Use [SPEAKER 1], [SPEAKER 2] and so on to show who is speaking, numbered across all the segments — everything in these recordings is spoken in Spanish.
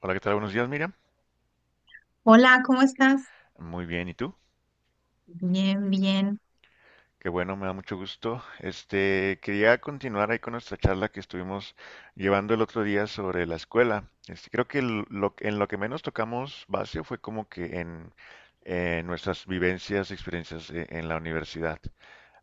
[SPEAKER 1] Hola, ¿qué tal? Buenos días, Miriam.
[SPEAKER 2] Hola, ¿cómo estás?
[SPEAKER 1] Muy bien, ¿y tú?
[SPEAKER 2] Bien, bien.
[SPEAKER 1] Qué bueno, me da mucho gusto. Quería continuar ahí con nuestra charla que estuvimos llevando el otro día sobre la escuela. Creo que en lo que menos tocamos base fue como que en nuestras vivencias, experiencias en la universidad.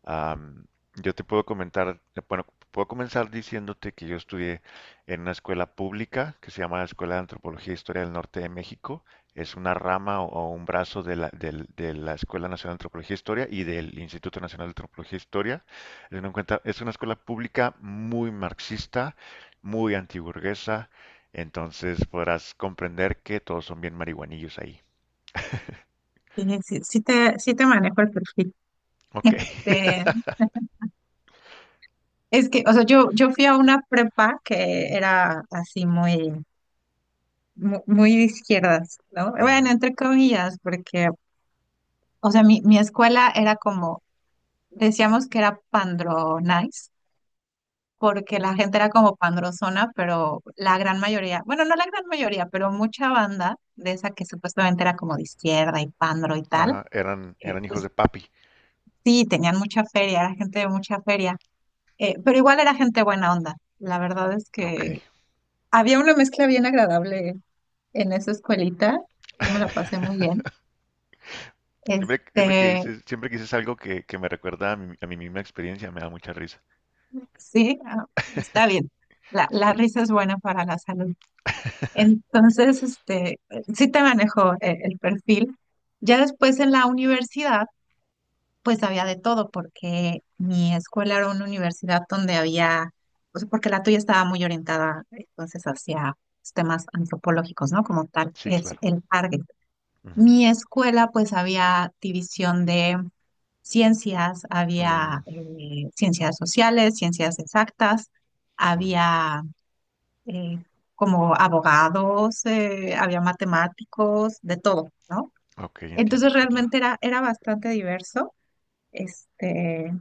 [SPEAKER 1] Am, yo te puedo comentar, bueno, puedo comenzar diciéndote que yo estudié en una escuela pública que se llama la Escuela de Antropología e Historia del Norte de México. Es una rama o un brazo de la Escuela Nacional de Antropología e Historia y del Instituto Nacional de Antropología e Historia. Es una escuela pública muy marxista, muy antiburguesa, entonces podrás comprender que todos son bien marihuanillos ahí.
[SPEAKER 2] Sí, sí te manejo el perfil.
[SPEAKER 1] Ok.
[SPEAKER 2] Este, es que, o sea, yo fui a una prepa que era así muy de izquierdas, ¿no? Bueno,
[SPEAKER 1] Ujú.
[SPEAKER 2] entre comillas, porque, o sea, mi escuela era como, decíamos que era pandro nice, porque la gente era como pandrozona, pero la gran mayoría, bueno, no la gran mayoría, pero mucha banda de esa que supuestamente era como de izquierda y pandro y tal,
[SPEAKER 1] Ajá, eran, eran hijos
[SPEAKER 2] pues
[SPEAKER 1] de papi.
[SPEAKER 2] sí, tenían mucha feria, era gente de mucha feria, pero igual era gente buena onda. La verdad es
[SPEAKER 1] Ok.
[SPEAKER 2] que había una mezcla bien agradable en esa escuelita. Yo me la pasé muy bien.
[SPEAKER 1] Siempre, siempre que
[SPEAKER 2] Este,
[SPEAKER 1] dices, siempre que dices algo que me recuerda a mi misma experiencia, me da mucha risa.
[SPEAKER 2] sí, está bien. La
[SPEAKER 1] Sí,
[SPEAKER 2] risa es buena para la salud. Entonces, sí te manejo el perfil. Ya después en la universidad pues había de todo, porque mi escuela era una universidad donde había, o porque la tuya estaba muy orientada entonces hacia los temas antropológicos, ¿no? Como tal,
[SPEAKER 1] sí,
[SPEAKER 2] es
[SPEAKER 1] claro.
[SPEAKER 2] el target.
[SPEAKER 1] Ujú.
[SPEAKER 2] Mi escuela, pues había división de ciencias, había
[SPEAKER 1] Mm,
[SPEAKER 2] ciencias sociales, ciencias exactas,
[SPEAKER 1] ujú.
[SPEAKER 2] había eh, como abogados, había matemáticos, de todo, ¿no?
[SPEAKER 1] Ok, entiendo,
[SPEAKER 2] Entonces
[SPEAKER 1] sí, claro.
[SPEAKER 2] realmente era bastante diverso. Este,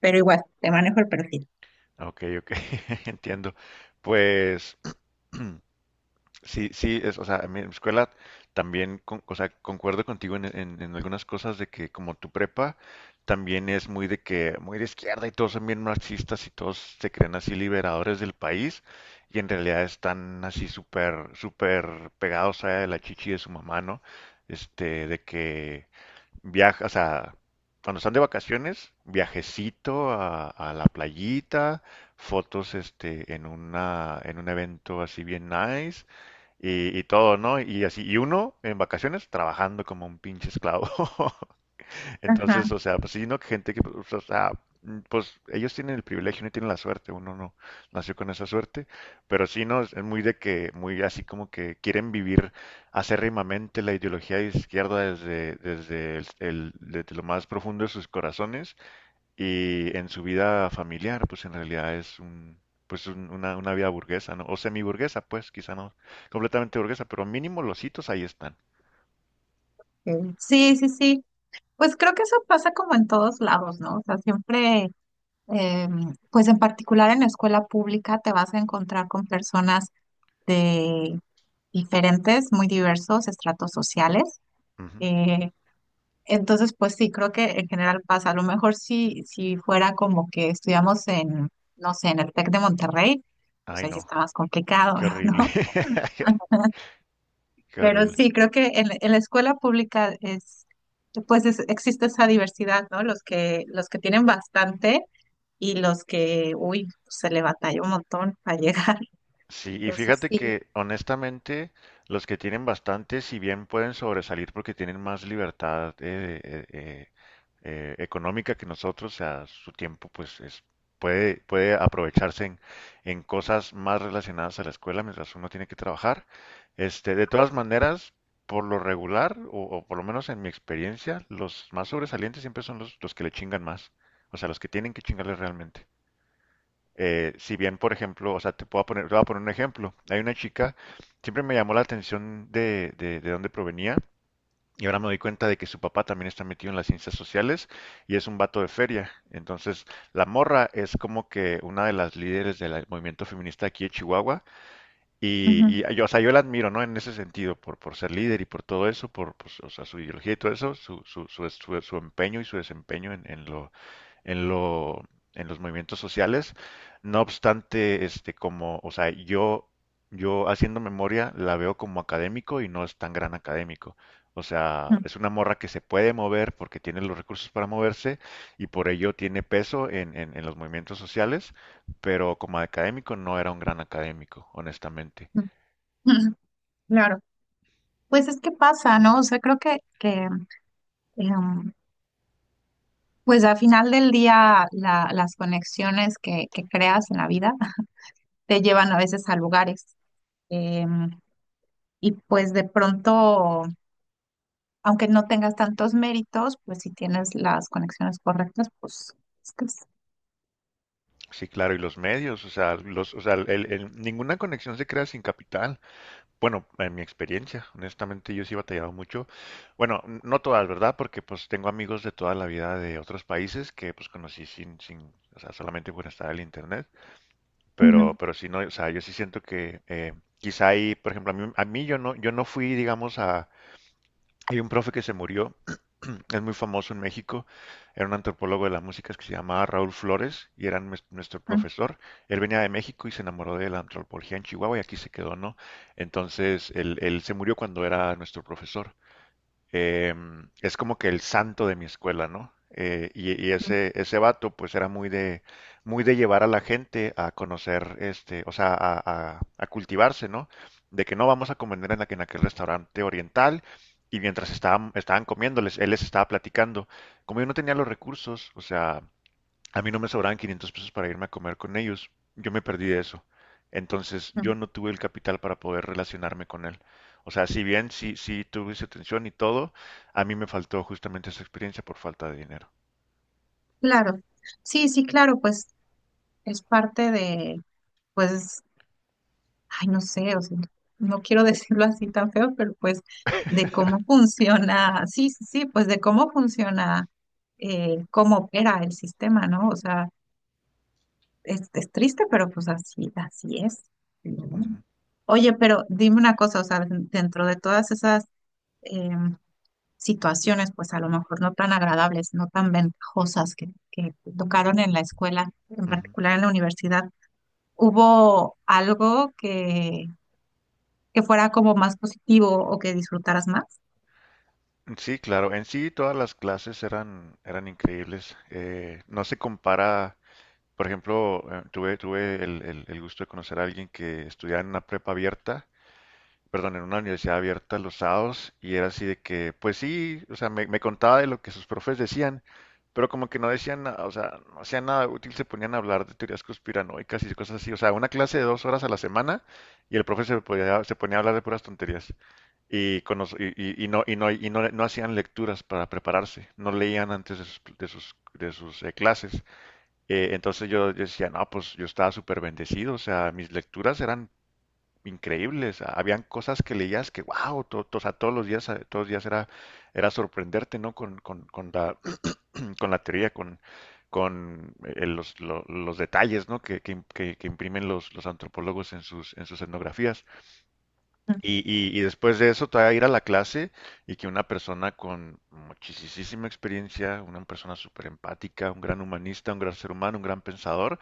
[SPEAKER 2] pero igual, te manejo el perfil.
[SPEAKER 1] Ok, ok, entiendo. Pues, sí, sí, o sea, en mi escuela también, o sea, concuerdo contigo en algunas cosas de que como tu prepa también es muy de que, muy de izquierda y todos son bien marxistas y todos se creen así liberadores del país y en realidad están así súper, súper pegados a la chichi de su mamá, ¿no? De que viaja, o sea, cuando están de vacaciones, viajecito a la playita, fotos, en un evento así bien nice y todo, ¿no? Y así, y uno en vacaciones trabajando como un pinche esclavo.
[SPEAKER 2] Ajá.
[SPEAKER 1] Entonces, o sea, pues sí, ¿no? Gente que, pues, o sea, pues ellos tienen el privilegio, no tienen la suerte, uno no nació con esa suerte, pero sí, ¿no? Es muy de que, muy así como que quieren vivir acérrimamente la ideología de izquierda desde lo más profundo de sus corazones y en su vida familiar, pues en realidad es un, pues un- una vida burguesa, ¿no? O semiburguesa, pues, quizá no completamente burguesa, pero mínimo los hitos ahí están.
[SPEAKER 2] Ok. Sí, sí, sí. Pues creo que eso pasa como en todos lados, ¿no? O sea, siempre, eh, pues en particular en la escuela pública te vas a encontrar con personas de diferentes, muy diversos estratos sociales.
[SPEAKER 1] Ujú.
[SPEAKER 2] Eh, entonces, pues sí, creo que en general pasa. A lo mejor si fuera como que estudiamos en, no sé, en el TEC de Monterrey, pues
[SPEAKER 1] Ay,
[SPEAKER 2] ahí sí
[SPEAKER 1] no,
[SPEAKER 2] está más
[SPEAKER 1] qué,
[SPEAKER 2] complicado,
[SPEAKER 1] qué horrible.
[SPEAKER 2] ¿no?
[SPEAKER 1] Qué
[SPEAKER 2] Pero
[SPEAKER 1] horrible.
[SPEAKER 2] sí, creo que en la escuela pública es, pues es- existe esa diversidad, ¿no? Los que tienen bastante y los que, uy, se le batalla un montón para llegar.
[SPEAKER 1] Sí, y
[SPEAKER 2] Entonces,
[SPEAKER 1] fíjate
[SPEAKER 2] sí.
[SPEAKER 1] que honestamente los que tienen bastante, si bien pueden sobresalir porque tienen más libertad económica que nosotros, a su tiempo pues puede aprovecharse en cosas más relacionadas a la escuela mientras uno tiene que trabajar. De todas maneras, por lo regular, o por lo menos en mi experiencia, los más sobresalientes siempre son los que le chingan más, o sea, los que tienen que chingarle realmente. Si bien, por ejemplo, o sea, te puedo poner, te voy a poner un ejemplo. Hay una chica, siempre me llamó la atención de dónde provenía. Y ahora me doy cuenta de que su papá también está metido en las ciencias sociales y es un vato de feria. Entonces, la morra es como que una de las líderes del movimiento feminista aquí de Chihuahua y,
[SPEAKER 2] Ujú,
[SPEAKER 1] y yo, o sea, yo la admiro, ¿no? En ese sentido, por ser líder y por todo eso, por, pues, o sea, su ideología y todo eso, su empeño y su desempeño en lo, en los movimientos sociales. No obstante, como, o sea, yo haciendo memoria la veo como académico y no es tan gran académico. O sea,
[SPEAKER 2] ujú,
[SPEAKER 1] es una morra que se puede mover porque tiene los recursos para moverse y por ello tiene peso en los movimientos sociales, pero como académico no era un gran académico, honestamente.
[SPEAKER 2] ujú. Ujú. Claro. Pues es que pasa, ¿no? O sea, creo que em, pues al final del día la- las conexiones que creas en la vida te llevan a veces a lugares. em, y pues de pronto aunque no tengas tantos méritos, pues si tienes las conexiones correctas, pues estás.
[SPEAKER 1] Sí, claro, y los medios, o sea, los, o sea, ninguna conexión se crea sin capital. Bueno, en mi experiencia, honestamente, yo sí he batallado mucho. Bueno, no todas, ¿verdad? Porque pues tengo amigos de toda la vida de otros países que pues conocí sin, o sea, solamente por estar en el internet.
[SPEAKER 2] Ujú,
[SPEAKER 1] Pero sí no, o sea, yo sí siento que quizá ahí, por ejemplo, a mí yo no fui, digamos, hay un profe que se murió, es muy famoso en México, era un antropólogo de la música que se llamaba Raúl Flores y era nuestro profesor. Él venía de México y se enamoró de la antropología en Chihuahua y aquí se quedó, ¿no? Entonces, él se murió cuando era nuestro profesor, es como que el santo de mi escuela, ¿no? Y
[SPEAKER 2] ujú,
[SPEAKER 1] ese vato, pues era muy de llevar a la gente a conocer, o sea, a cultivarse, ¿no? De que no vamos a comer en aquel restaurante oriental. Y mientras estaban comiéndoles, él les estaba platicando. Como yo no tenía los recursos, o sea, a mí no me sobraban 500 pesos para irme a comer con ellos. Yo me perdí de eso. Entonces,
[SPEAKER 2] ujú.
[SPEAKER 1] yo no tuve el capital para poder relacionarme con él. O sea, si bien sí, sí tuve su atención y todo, a mí me faltó justamente esa experiencia por falta de dinero.
[SPEAKER 2] Claro, sí, sí, claro, pues es parte de, pues, ay, no sé, o sea, no quiero decirlo así tan feo, pero pues de cómo funciona, sí, sí, sí, pues de cómo funciona, cómo opera el sistema, ¿no? O sea, es triste, pero pues así, así es. Ujú.
[SPEAKER 1] Ujú,
[SPEAKER 2] Oye, pero dime una cosa, o sea, dentro de todas esas em, situaciones, pues a lo mejor no tan agradables, no tan ventajosas que tocaron en la escuela, en particular en la universidad, ¿hubo algo que fuera como más positivo o que disfrutaras más?
[SPEAKER 1] ujú. Sí, claro. En sí, todas las clases eran increíbles. No se compara, por ejemplo, tuve el gusto de conocer a alguien que estudiaba en una prepa abierta, perdón, en una universidad abierta los sábados y era así de que, pues sí, o sea, me contaba de lo que sus profes decían, pero como que no decían nada, o sea, no hacían nada útil, se ponían a hablar de teorías conspiranoicas y cosas así, o sea, una clase de dos horas a la semana y el profe se ponía a hablar de puras tonterías y, con los- y no, y, no hacían lecturas para prepararse, no leían antes de sus clases. Entonces yo decía, no, pues yo estaba súper bendecido, o sea, mis lecturas eran increíbles. Habían cosas que leías que, wow, todos los días era sorprenderte, ¿no? Con la, con la teoría, con los detalles, ¿no? Que imprimen los antropólogos en sus etnografías.
[SPEAKER 2] Mm.
[SPEAKER 1] Y después de eso, todavía ir a la clase y que una persona con muchísima experiencia, una persona súper empática, un gran humanista, un gran ser humano, un gran pensador,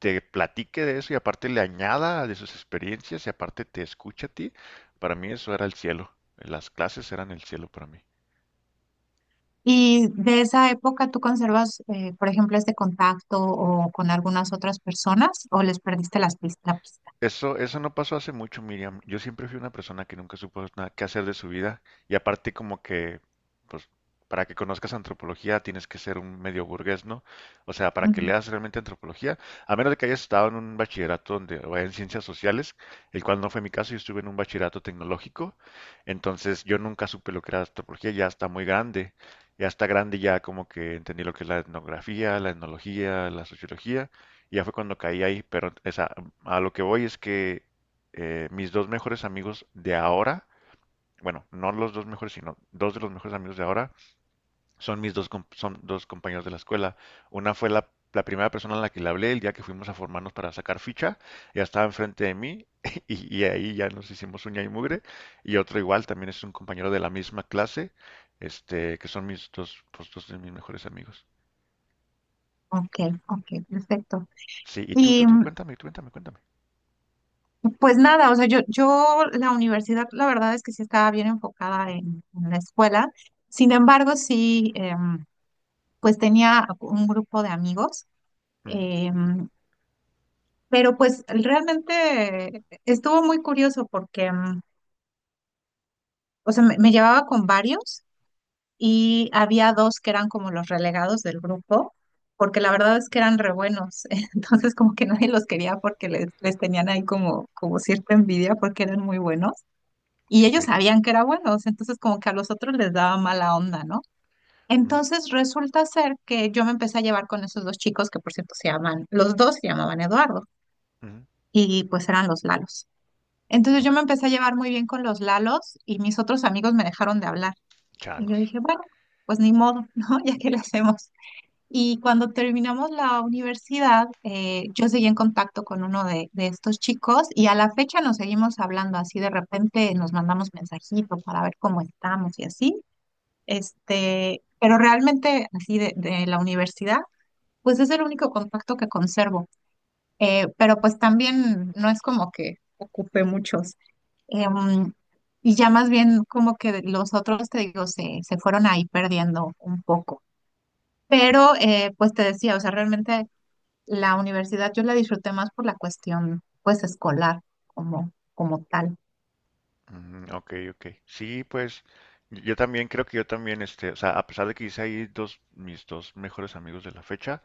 [SPEAKER 1] te platique de eso y aparte le añada de sus experiencias y aparte te escucha a ti, para mí eso era el cielo. Las clases eran el cielo para mí.
[SPEAKER 2] Y de esa época, ¿tú conservas, por ejemplo, este contacto o con algunas otras personas o les perdiste la pista?
[SPEAKER 1] Eso no pasó hace mucho, Miriam. Yo siempre fui una persona que nunca supo nada qué hacer de su vida. Y aparte como que, pues, para que conozcas antropología tienes que ser un medio burgués, ¿no? O sea, para que
[SPEAKER 2] Ujú.
[SPEAKER 1] leas realmente antropología, a menos de que hayas estado en un bachillerato donde, o en ciencias sociales, el cual no fue mi caso, yo estuve en un bachillerato tecnológico. Entonces yo nunca supe lo que era antropología, ya está muy grande. Ya está grande, ya como que entendí lo que es la etnografía, la etnología, la sociología y ya fue cuando caí ahí, pero esa, a lo que voy es que mis dos mejores amigos de ahora, bueno, no los dos mejores, sino dos de los mejores amigos de ahora, son dos compañeros de la escuela. Una fue la primera persona a la que le hablé el día que fuimos a formarnos para sacar ficha, ya estaba enfrente de mí y ahí ya nos hicimos uña y mugre. Y otro igual, también es un compañero de la misma clase, este, que son mis dos, pues, dos de mis mejores amigos.
[SPEAKER 2] Ok, ok, perfecto.
[SPEAKER 1] Sí, y tú, tú,
[SPEAKER 2] Y
[SPEAKER 1] tú, cuéntame, cuéntame, cuéntame.
[SPEAKER 2] pues nada, o sea, yo la universidad, la verdad es que sí estaba bien enfocada en la escuela. Sin embargo, sí, pues tenía un grupo de amigos,
[SPEAKER 1] Ujú,
[SPEAKER 2] em, pero pues realmente estuvo muy curioso porque, o sea, me llevaba con varios y había dos que eran como los relegados del grupo, porque la verdad es que eran re buenos, entonces como que nadie los quería porque les tenían ahí como, como cierta envidia porque eran muy buenos. Y
[SPEAKER 1] ok,
[SPEAKER 2] ellos sabían que era buenos, entonces como que a los otros les daba mala onda, ¿no?
[SPEAKER 1] mm,
[SPEAKER 2] Entonces resulta ser que yo me empecé a llevar con esos dos chicos que por cierto los dos se llamaban Eduardo
[SPEAKER 1] ujú,
[SPEAKER 2] y pues eran los Lalos. Entonces yo
[SPEAKER 1] ok,
[SPEAKER 2] me empecé a llevar muy bien con los Lalos y mis otros amigos me dejaron de hablar. Y yo
[SPEAKER 1] changos.
[SPEAKER 2] dije, bueno, pues ni modo, ¿no? ¿Ya qué le hacemos? Y cuando terminamos la universidad, yo seguí en contacto con uno de estos chicos y a la fecha nos seguimos hablando así, de repente nos mandamos mensajitos para ver cómo estamos y así. Pero realmente así de la universidad, pues es el único contacto que conservo. Pero pues también no es como que ocupe muchos. Em, y ya más bien como que los otros, te digo, se fueron ahí perdiendo un poco. Pero, pues te decía, o sea, realmente la universidad yo la disfruté más por la cuestión, pues, escolar, como tal.
[SPEAKER 1] Mm, ok, ok. Sí, pues yo también creo que yo también, o sea, a pesar de que hice ahí mis dos mejores amigos de la fecha,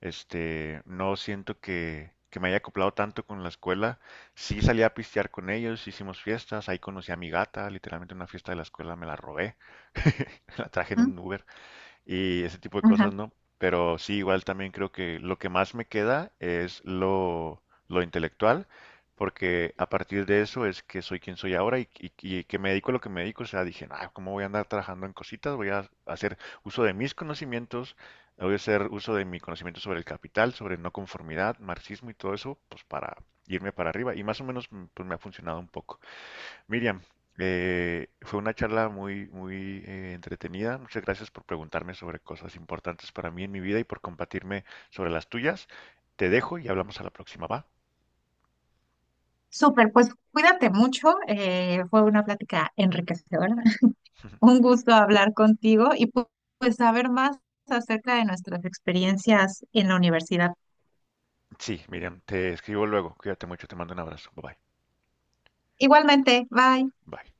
[SPEAKER 1] no siento que me haya acoplado tanto con la escuela. Sí salí a pistear con ellos, hicimos fiestas, ahí conocí a mi gata, literalmente en una fiesta de la escuela me la robé, la traje en
[SPEAKER 2] ¿Mm?
[SPEAKER 1] un Uber y ese tipo de
[SPEAKER 2] Ajá.
[SPEAKER 1] cosas, ¿no? Pero sí, igual también creo que lo que más me queda es lo intelectual, porque a partir de eso es que soy quien soy ahora y que me dedico a lo que me dedico. O sea, dije, ah, ¿cómo voy a andar trabajando en cositas? Voy a hacer uso de mis conocimientos, voy a hacer uso de mi conocimiento sobre el capital, sobre no conformidad, marxismo y todo eso, pues para irme para arriba. Y más o menos pues me ha funcionado un poco. Miriam, fue una charla muy, muy entretenida. Muchas gracias por preguntarme sobre cosas importantes para mí en mi vida y por compartirme sobre las tuyas. Te dejo y hablamos a la próxima, ¿va?
[SPEAKER 2] Súper, pues cuídate mucho. Eh, fue una plática enriquecedora. Un gusto hablar contigo y pues saber más acerca de nuestras experiencias en la universidad.
[SPEAKER 1] Sí, Miriam, te escribo luego. Cuídate mucho, te mando un abrazo. Bye bye.
[SPEAKER 2] Igualmente, bye.
[SPEAKER 1] Bye.